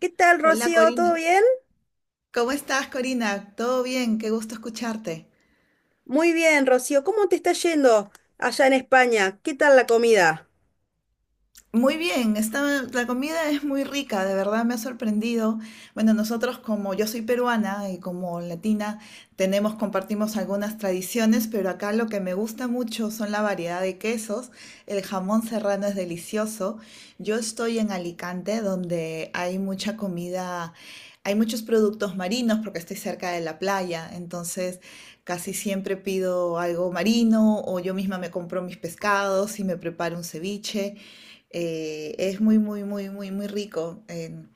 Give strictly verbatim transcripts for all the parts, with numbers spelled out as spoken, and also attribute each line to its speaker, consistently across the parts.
Speaker 1: ¿Qué tal,
Speaker 2: Hola
Speaker 1: Rocío?
Speaker 2: Corina,
Speaker 1: ¿Todo bien?
Speaker 2: ¿cómo estás Corina? ¿Todo bien? Qué gusto escucharte.
Speaker 1: Muy bien, Rocío. ¿Cómo te está yendo allá en España? ¿Qué tal la comida?
Speaker 2: Muy bien, está, la comida es muy rica, de verdad me ha sorprendido. Bueno, nosotros como yo soy peruana y como latina tenemos, compartimos algunas tradiciones, pero acá lo que me gusta mucho son la variedad de quesos. El jamón serrano es delicioso. Yo estoy en Alicante, donde hay mucha comida, hay muchos productos marinos porque estoy cerca de la playa, entonces casi siempre pido algo marino o yo misma me compro mis pescados y me preparo un ceviche. Eh, es muy, muy, muy, muy, muy rico. En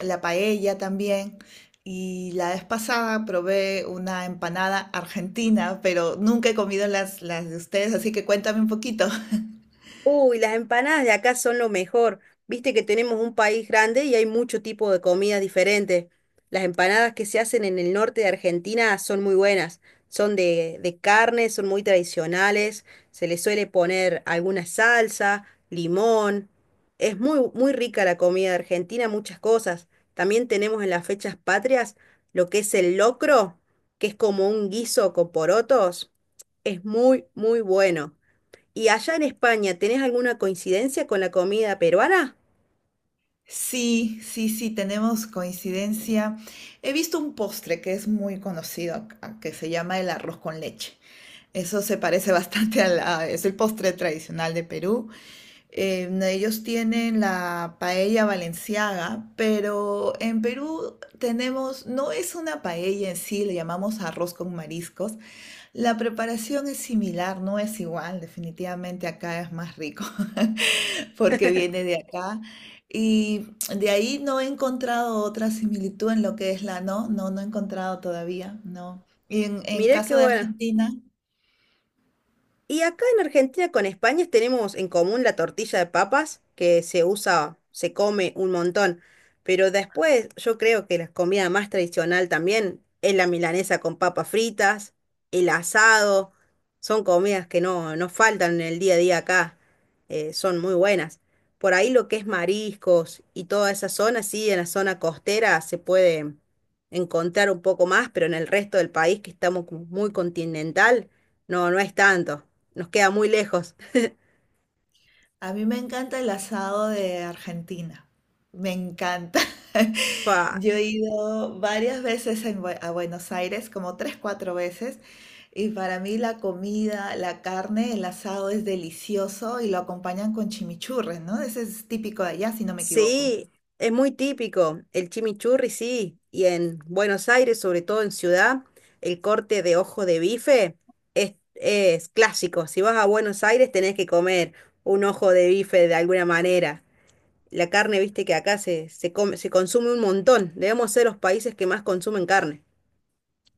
Speaker 2: la paella también. Y la vez pasada probé una empanada argentina, pero nunca he comido las, las de ustedes, así que cuéntame un poquito.
Speaker 1: Uy, las empanadas de acá son lo mejor. Viste que tenemos un país grande y hay mucho tipo de comidas diferentes. Las empanadas que se hacen en el norte de Argentina son muy buenas. Son de, de carne, son muy tradicionales. Se le suele poner alguna salsa, limón. Es muy, muy rica la comida de Argentina, muchas cosas. También tenemos en las fechas patrias lo que es el locro, que es como un guiso con porotos. Es muy, muy bueno. ¿Y allá en España tenés alguna coincidencia con la comida peruana?
Speaker 2: Sí, sí, sí, tenemos coincidencia. He visto un postre que es muy conocido acá, que se llama el arroz con leche. Eso se parece bastante a la, es el postre tradicional de Perú. Eh, ellos tienen la paella valenciaga, pero en Perú tenemos, no es una paella en sí, le llamamos arroz con mariscos, la preparación es similar, no es igual, definitivamente acá es más rico, porque viene de acá. Y de ahí no he encontrado otra similitud en lo que es la, no, no, no he encontrado todavía, no. Y en, en
Speaker 1: Mirá qué
Speaker 2: caso de
Speaker 1: bueno.
Speaker 2: Argentina,
Speaker 1: Y acá en Argentina con España tenemos en común la tortilla de papas, que se usa, se come un montón. Pero después yo creo que la comida más tradicional también es la milanesa con papas fritas, el asado. Son comidas que no, no faltan en el día a día acá. Eh, son muy buenas. Por ahí lo que es mariscos y toda esa zona, sí, en la zona costera se puede encontrar un poco más, pero en el resto del país que estamos como muy continental, no, no es tanto. Nos queda muy lejos.
Speaker 2: a mí me encanta el asado de Argentina. Me encanta.
Speaker 1: Fa.
Speaker 2: Yo he ido varias veces en Bue- a Buenos Aires, como tres, cuatro veces, y para mí la comida, la carne, el asado es delicioso y lo acompañan con chimichurri, ¿no? Ese es típico de allá, si no me equivoco.
Speaker 1: Sí, es muy típico. El chimichurri, sí. Y en Buenos Aires, sobre todo en ciudad, el corte de ojo de bife es, es clásico. Si vas a Buenos Aires, tenés que comer un ojo de bife de alguna manera. La carne, viste que acá se, se come, se consume un montón. Debemos ser los países que más consumen carne.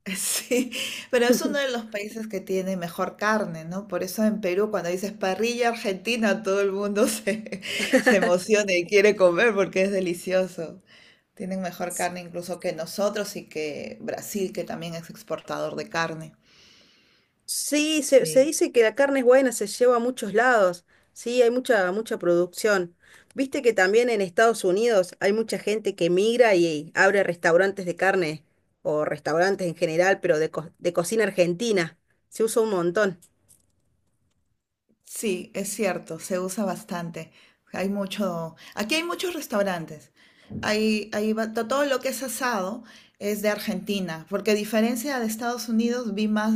Speaker 2: Sí, pero es uno de los países que tiene mejor carne, ¿no? Por eso en Perú, cuando dices parrilla argentina, todo el mundo se, se emociona y quiere comer porque es delicioso. Tienen mejor carne incluso que nosotros y que Brasil, que también es exportador de carne.
Speaker 1: Sí, se, se
Speaker 2: Sí.
Speaker 1: dice que la carne es buena, se lleva a muchos lados. Sí, hay mucha, mucha producción. Viste que también en Estados Unidos hay mucha gente que migra y abre restaurantes de carne o restaurantes en general, pero de, co- de cocina argentina. Se usa un montón.
Speaker 2: Sí, es cierto, se usa bastante. Hay mucho, aquí hay muchos restaurantes. Hay, hay ba- to- todo lo que es asado es de Argentina, porque a diferencia de Estados Unidos, vi más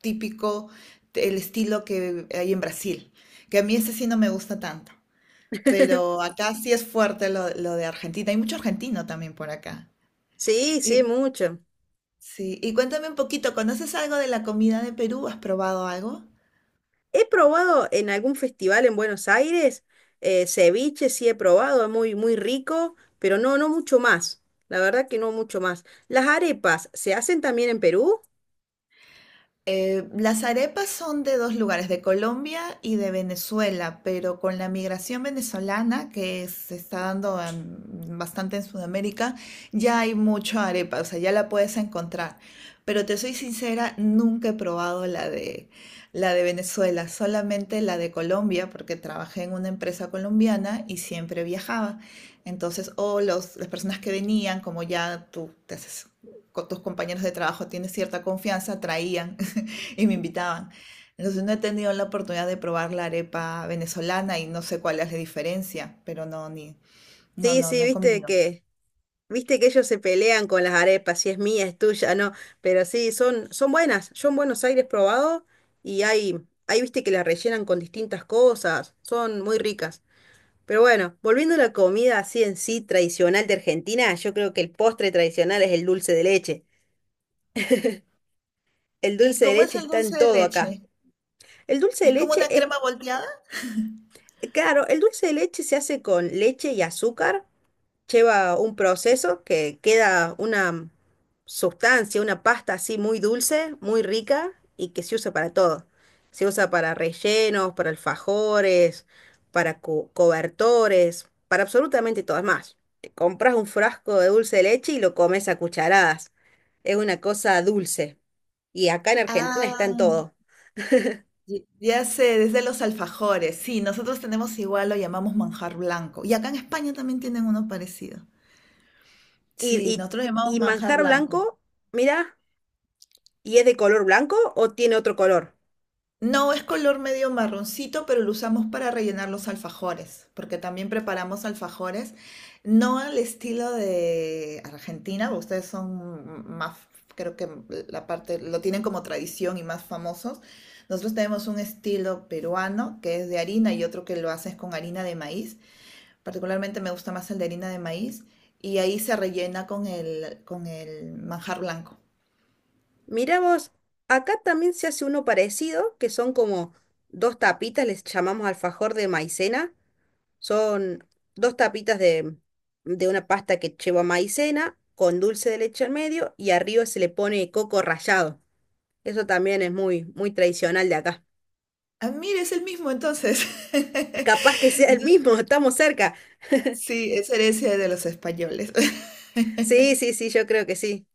Speaker 2: típico el estilo que hay en Brasil, que a mí ese sí no me gusta tanto. Pero acá sí es fuerte lo, lo de Argentina. Hay mucho argentino también por acá.
Speaker 1: Sí, sí,
Speaker 2: ¿Y
Speaker 1: mucho.
Speaker 2: Sí, y cuéntame un poquito, ¿conoces algo de la comida de Perú? ¿Has probado algo?
Speaker 1: He probado en algún festival en Buenos Aires, eh, ceviche sí he probado, es muy, muy rico, pero no, no mucho más. La verdad que no mucho más. Las arepas, ¿se hacen también en Perú?
Speaker 2: Eh, las arepas son de dos lugares, de Colombia y de Venezuela, pero con la migración venezolana que se está dando en- bastante en Sudamérica, ya hay mucho arepa, o sea, ya la puedes encontrar. Pero te soy sincera, nunca he probado la de, la de Venezuela, solamente la de Colombia, porque trabajé en una empresa colombiana y siempre viajaba. Entonces, o los, las personas que venían, como ya tú te haces con tus compañeros de trabajo tienes cierta confianza, traían. Y me invitaban. Entonces no he tenido la oportunidad de probar la arepa venezolana y no sé cuál es la diferencia, pero no, ni, no,
Speaker 1: Sí,
Speaker 2: no, no
Speaker 1: sí,
Speaker 2: he
Speaker 1: viste
Speaker 2: comido.
Speaker 1: que, viste que ellos se pelean con las arepas, si es mía, es tuya, no, pero sí, son, son buenas. Yo en Buenos Aires he probado y hay, hay, viste que las rellenan con distintas cosas, son muy ricas. Pero bueno, volviendo a la comida así en sí tradicional de Argentina, yo creo que el postre tradicional es el dulce de leche. El
Speaker 2: ¿Y
Speaker 1: dulce de
Speaker 2: cómo es
Speaker 1: leche
Speaker 2: el
Speaker 1: está en
Speaker 2: dulce de
Speaker 1: todo acá.
Speaker 2: leche?
Speaker 1: El dulce de
Speaker 2: ¿Es como
Speaker 1: leche
Speaker 2: una
Speaker 1: es,
Speaker 2: crema volteada?
Speaker 1: claro, el dulce de leche se hace con leche y azúcar. Lleva un proceso que queda una sustancia, una pasta así muy dulce, muy rica y que se usa para todo. Se usa para rellenos, para alfajores, para co- cobertores, para absolutamente todo. Es más, te compras un frasco de dulce de leche y lo comes a cucharadas. Es una cosa dulce. Y acá en Argentina está en
Speaker 2: Ah,
Speaker 1: todo.
Speaker 2: y- ya sé, desde los alfajores. Sí, nosotros tenemos igual, lo llamamos manjar blanco. Y acá en España también tienen uno parecido.
Speaker 1: Y,
Speaker 2: Sí, nosotros lo llamamos
Speaker 1: y, y
Speaker 2: manjar
Speaker 1: manjar
Speaker 2: blanco.
Speaker 1: blanco, mira, ¿y es de color blanco o tiene otro color?
Speaker 2: No, es color medio marroncito, pero lo usamos para rellenar los alfajores, porque también preparamos alfajores, no al estilo de Argentina, ustedes son más, creo que la parte, lo tienen como tradición y más famosos. Nosotros tenemos un estilo peruano que es de harina y otro que lo haces con harina de maíz. Particularmente me gusta más el de harina de maíz y ahí se rellena con el, con el manjar blanco.
Speaker 1: Mirá vos, acá también se hace uno parecido, que son como dos tapitas, les llamamos alfajor de maicena. Son dos tapitas de, de una pasta que lleva maicena con dulce de leche al medio y arriba se le pone coco rallado. Eso también es muy, muy tradicional de acá.
Speaker 2: Ah, mire, es el mismo entonces.
Speaker 1: Capaz que sea el
Speaker 2: Entonces,
Speaker 1: mismo, estamos cerca.
Speaker 2: sí, es herencia de los españoles.
Speaker 1: Sí, sí, sí, yo creo que sí.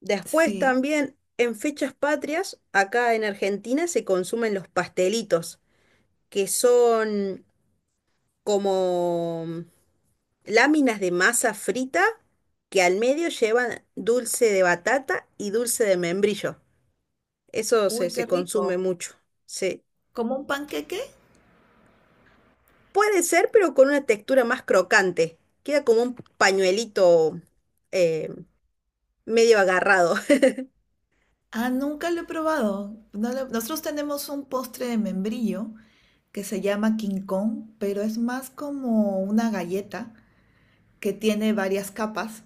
Speaker 1: Después
Speaker 2: Sí.
Speaker 1: también, en fechas patrias, acá en Argentina se consumen los pastelitos, que son como mm, láminas de masa frita que al medio llevan dulce de batata y dulce de membrillo. Eso se,
Speaker 2: Uy,
Speaker 1: se
Speaker 2: qué rico.
Speaker 1: consume mucho. Se,
Speaker 2: ¿Como un panqueque?
Speaker 1: puede ser, pero con una textura más crocante. Queda como un pañuelito, eh, medio agarrado.
Speaker 2: Ah, nunca lo he probado. No lo- Nosotros tenemos un postre de membrillo que se llama King Kong, pero es más como una galleta que tiene varias capas.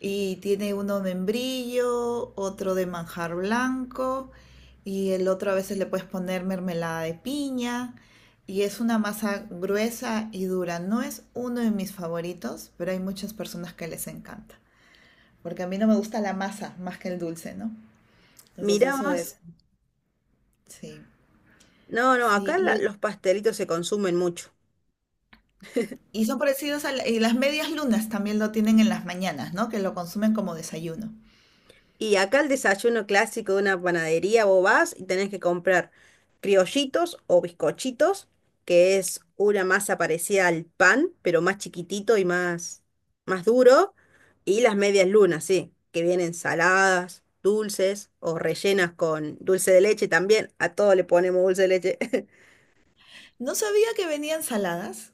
Speaker 2: Y tiene uno de membrillo, otro de manjar blanco y el otro a veces le puedes poner mermelada de piña. Y es una masa gruesa y dura. No es uno de mis favoritos, pero hay muchas personas que les encanta. Porque a mí no me gusta la masa más que el dulce, ¿no? Entonces
Speaker 1: Mirá
Speaker 2: eso
Speaker 1: vos.
Speaker 2: es, sí.
Speaker 1: No, no,
Speaker 2: Sí,
Speaker 1: acá la-
Speaker 2: y,
Speaker 1: Los pastelitos se consumen mucho.
Speaker 2: y son parecidos a la- y las medias lunas también lo tienen en las mañanas, ¿no? Que lo consumen como desayuno.
Speaker 1: Y acá el desayuno clásico de una panadería, vos vas y tenés que comprar criollitos o bizcochitos, que es una masa parecida al pan, pero más chiquitito y más, más duro, y las medias lunas, sí, que vienen saladas, dulces o rellenas con dulce de leche también. A todo le ponemos dulce de leche.
Speaker 2: No sabía que venían saladas.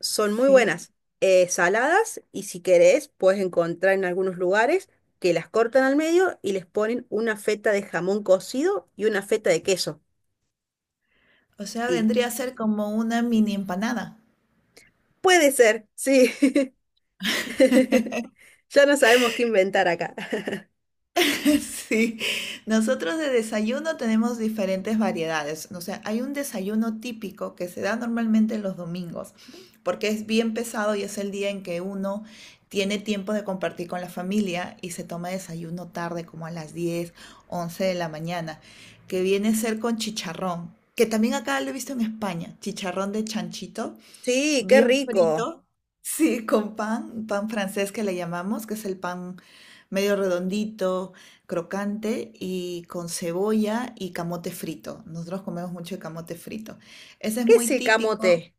Speaker 1: Son muy
Speaker 2: Sí.
Speaker 1: buenas, eh, saladas, y si querés puedes encontrar en algunos lugares que las cortan al medio y les ponen una feta de jamón cocido y una feta de queso.
Speaker 2: O sea,
Speaker 1: Y
Speaker 2: vendría a ser como una mini empanada.
Speaker 1: puede ser, sí. Ya no sabemos qué inventar acá.
Speaker 2: Sí, nosotros de desayuno tenemos diferentes variedades. O sea, hay un desayuno típico que se da normalmente los domingos, porque es bien pesado y es el día en que uno tiene tiempo de compartir con la familia y se toma desayuno tarde, como a las diez, once de la mañana, que viene a ser con chicharrón, que también acá lo he visto en España, chicharrón de chanchito
Speaker 1: Sí, qué
Speaker 2: bien
Speaker 1: rico.
Speaker 2: frito, sí, con pan, pan francés que le llamamos, que es el pan medio redondito, crocante y con cebolla y camote frito. Nosotros comemos mucho el camote frito. Ese es
Speaker 1: ¿Qué
Speaker 2: muy
Speaker 1: es el
Speaker 2: típico.
Speaker 1: camote?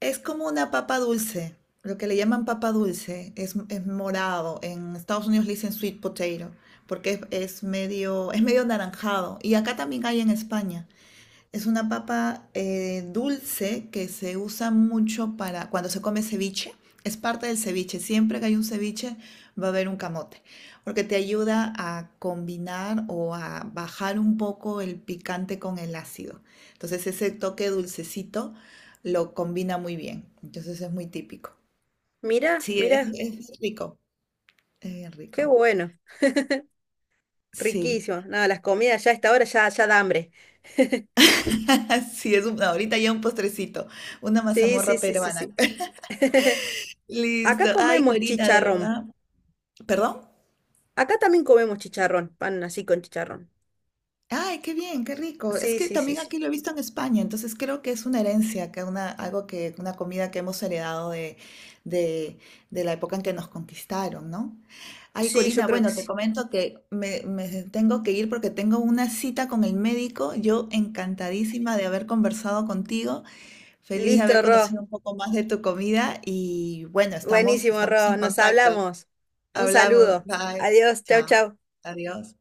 Speaker 2: Es como una papa dulce, lo que le llaman papa dulce, es, es morado. En Estados Unidos le dicen sweet potato porque es, es medio, es medio anaranjado. Y acá también hay en España. Es una papa eh, dulce que se usa mucho para cuando se come ceviche. Es parte del ceviche. Siempre que hay un ceviche va a haber un camote, porque te ayuda a combinar o a bajar un poco el picante con el ácido. Entonces ese toque dulcecito lo combina muy bien. Entonces es muy típico.
Speaker 1: Mira,
Speaker 2: Sí, es,
Speaker 1: mira,
Speaker 2: es rico. Es bien
Speaker 1: qué
Speaker 2: rico.
Speaker 1: bueno.
Speaker 2: Sí,
Speaker 1: Riquísimo. Nada, las comidas ya a esta hora ya, ya da hambre.
Speaker 2: sí, es un- ahorita ya un postrecito, una
Speaker 1: Sí, sí,
Speaker 2: mazamorra
Speaker 1: sí, sí,
Speaker 2: peruana.
Speaker 1: sí.
Speaker 2: Listo.
Speaker 1: Acá
Speaker 2: Ay,
Speaker 1: comemos
Speaker 2: Corina, de
Speaker 1: chicharrón.
Speaker 2: verdad. ¿Perdón?
Speaker 1: Acá también comemos chicharrón, pan así con chicharrón.
Speaker 2: Ay, qué bien, qué rico. Es
Speaker 1: Sí,
Speaker 2: que
Speaker 1: sí, sí,
Speaker 2: también
Speaker 1: sí.
Speaker 2: aquí lo he visto en España, entonces creo que es una herencia, que una, algo que, una comida que hemos heredado de, de, de la época en que nos conquistaron, ¿no? Ay,
Speaker 1: Sí, yo
Speaker 2: Corina,
Speaker 1: creo que
Speaker 2: bueno, te
Speaker 1: sí.
Speaker 2: comento que me, me tengo que ir porque tengo una cita con el médico. Yo encantadísima de haber conversado contigo, feliz de haber
Speaker 1: Listo, Ro.
Speaker 2: conocido un poco más de tu comida y bueno, estamos,
Speaker 1: Buenísimo,
Speaker 2: estamos
Speaker 1: Ro.
Speaker 2: en
Speaker 1: Nos
Speaker 2: contacto.
Speaker 1: hablamos. Un
Speaker 2: Hablamos,
Speaker 1: saludo.
Speaker 2: bye,
Speaker 1: Adiós. Chau,
Speaker 2: chao,
Speaker 1: chau.
Speaker 2: adiós.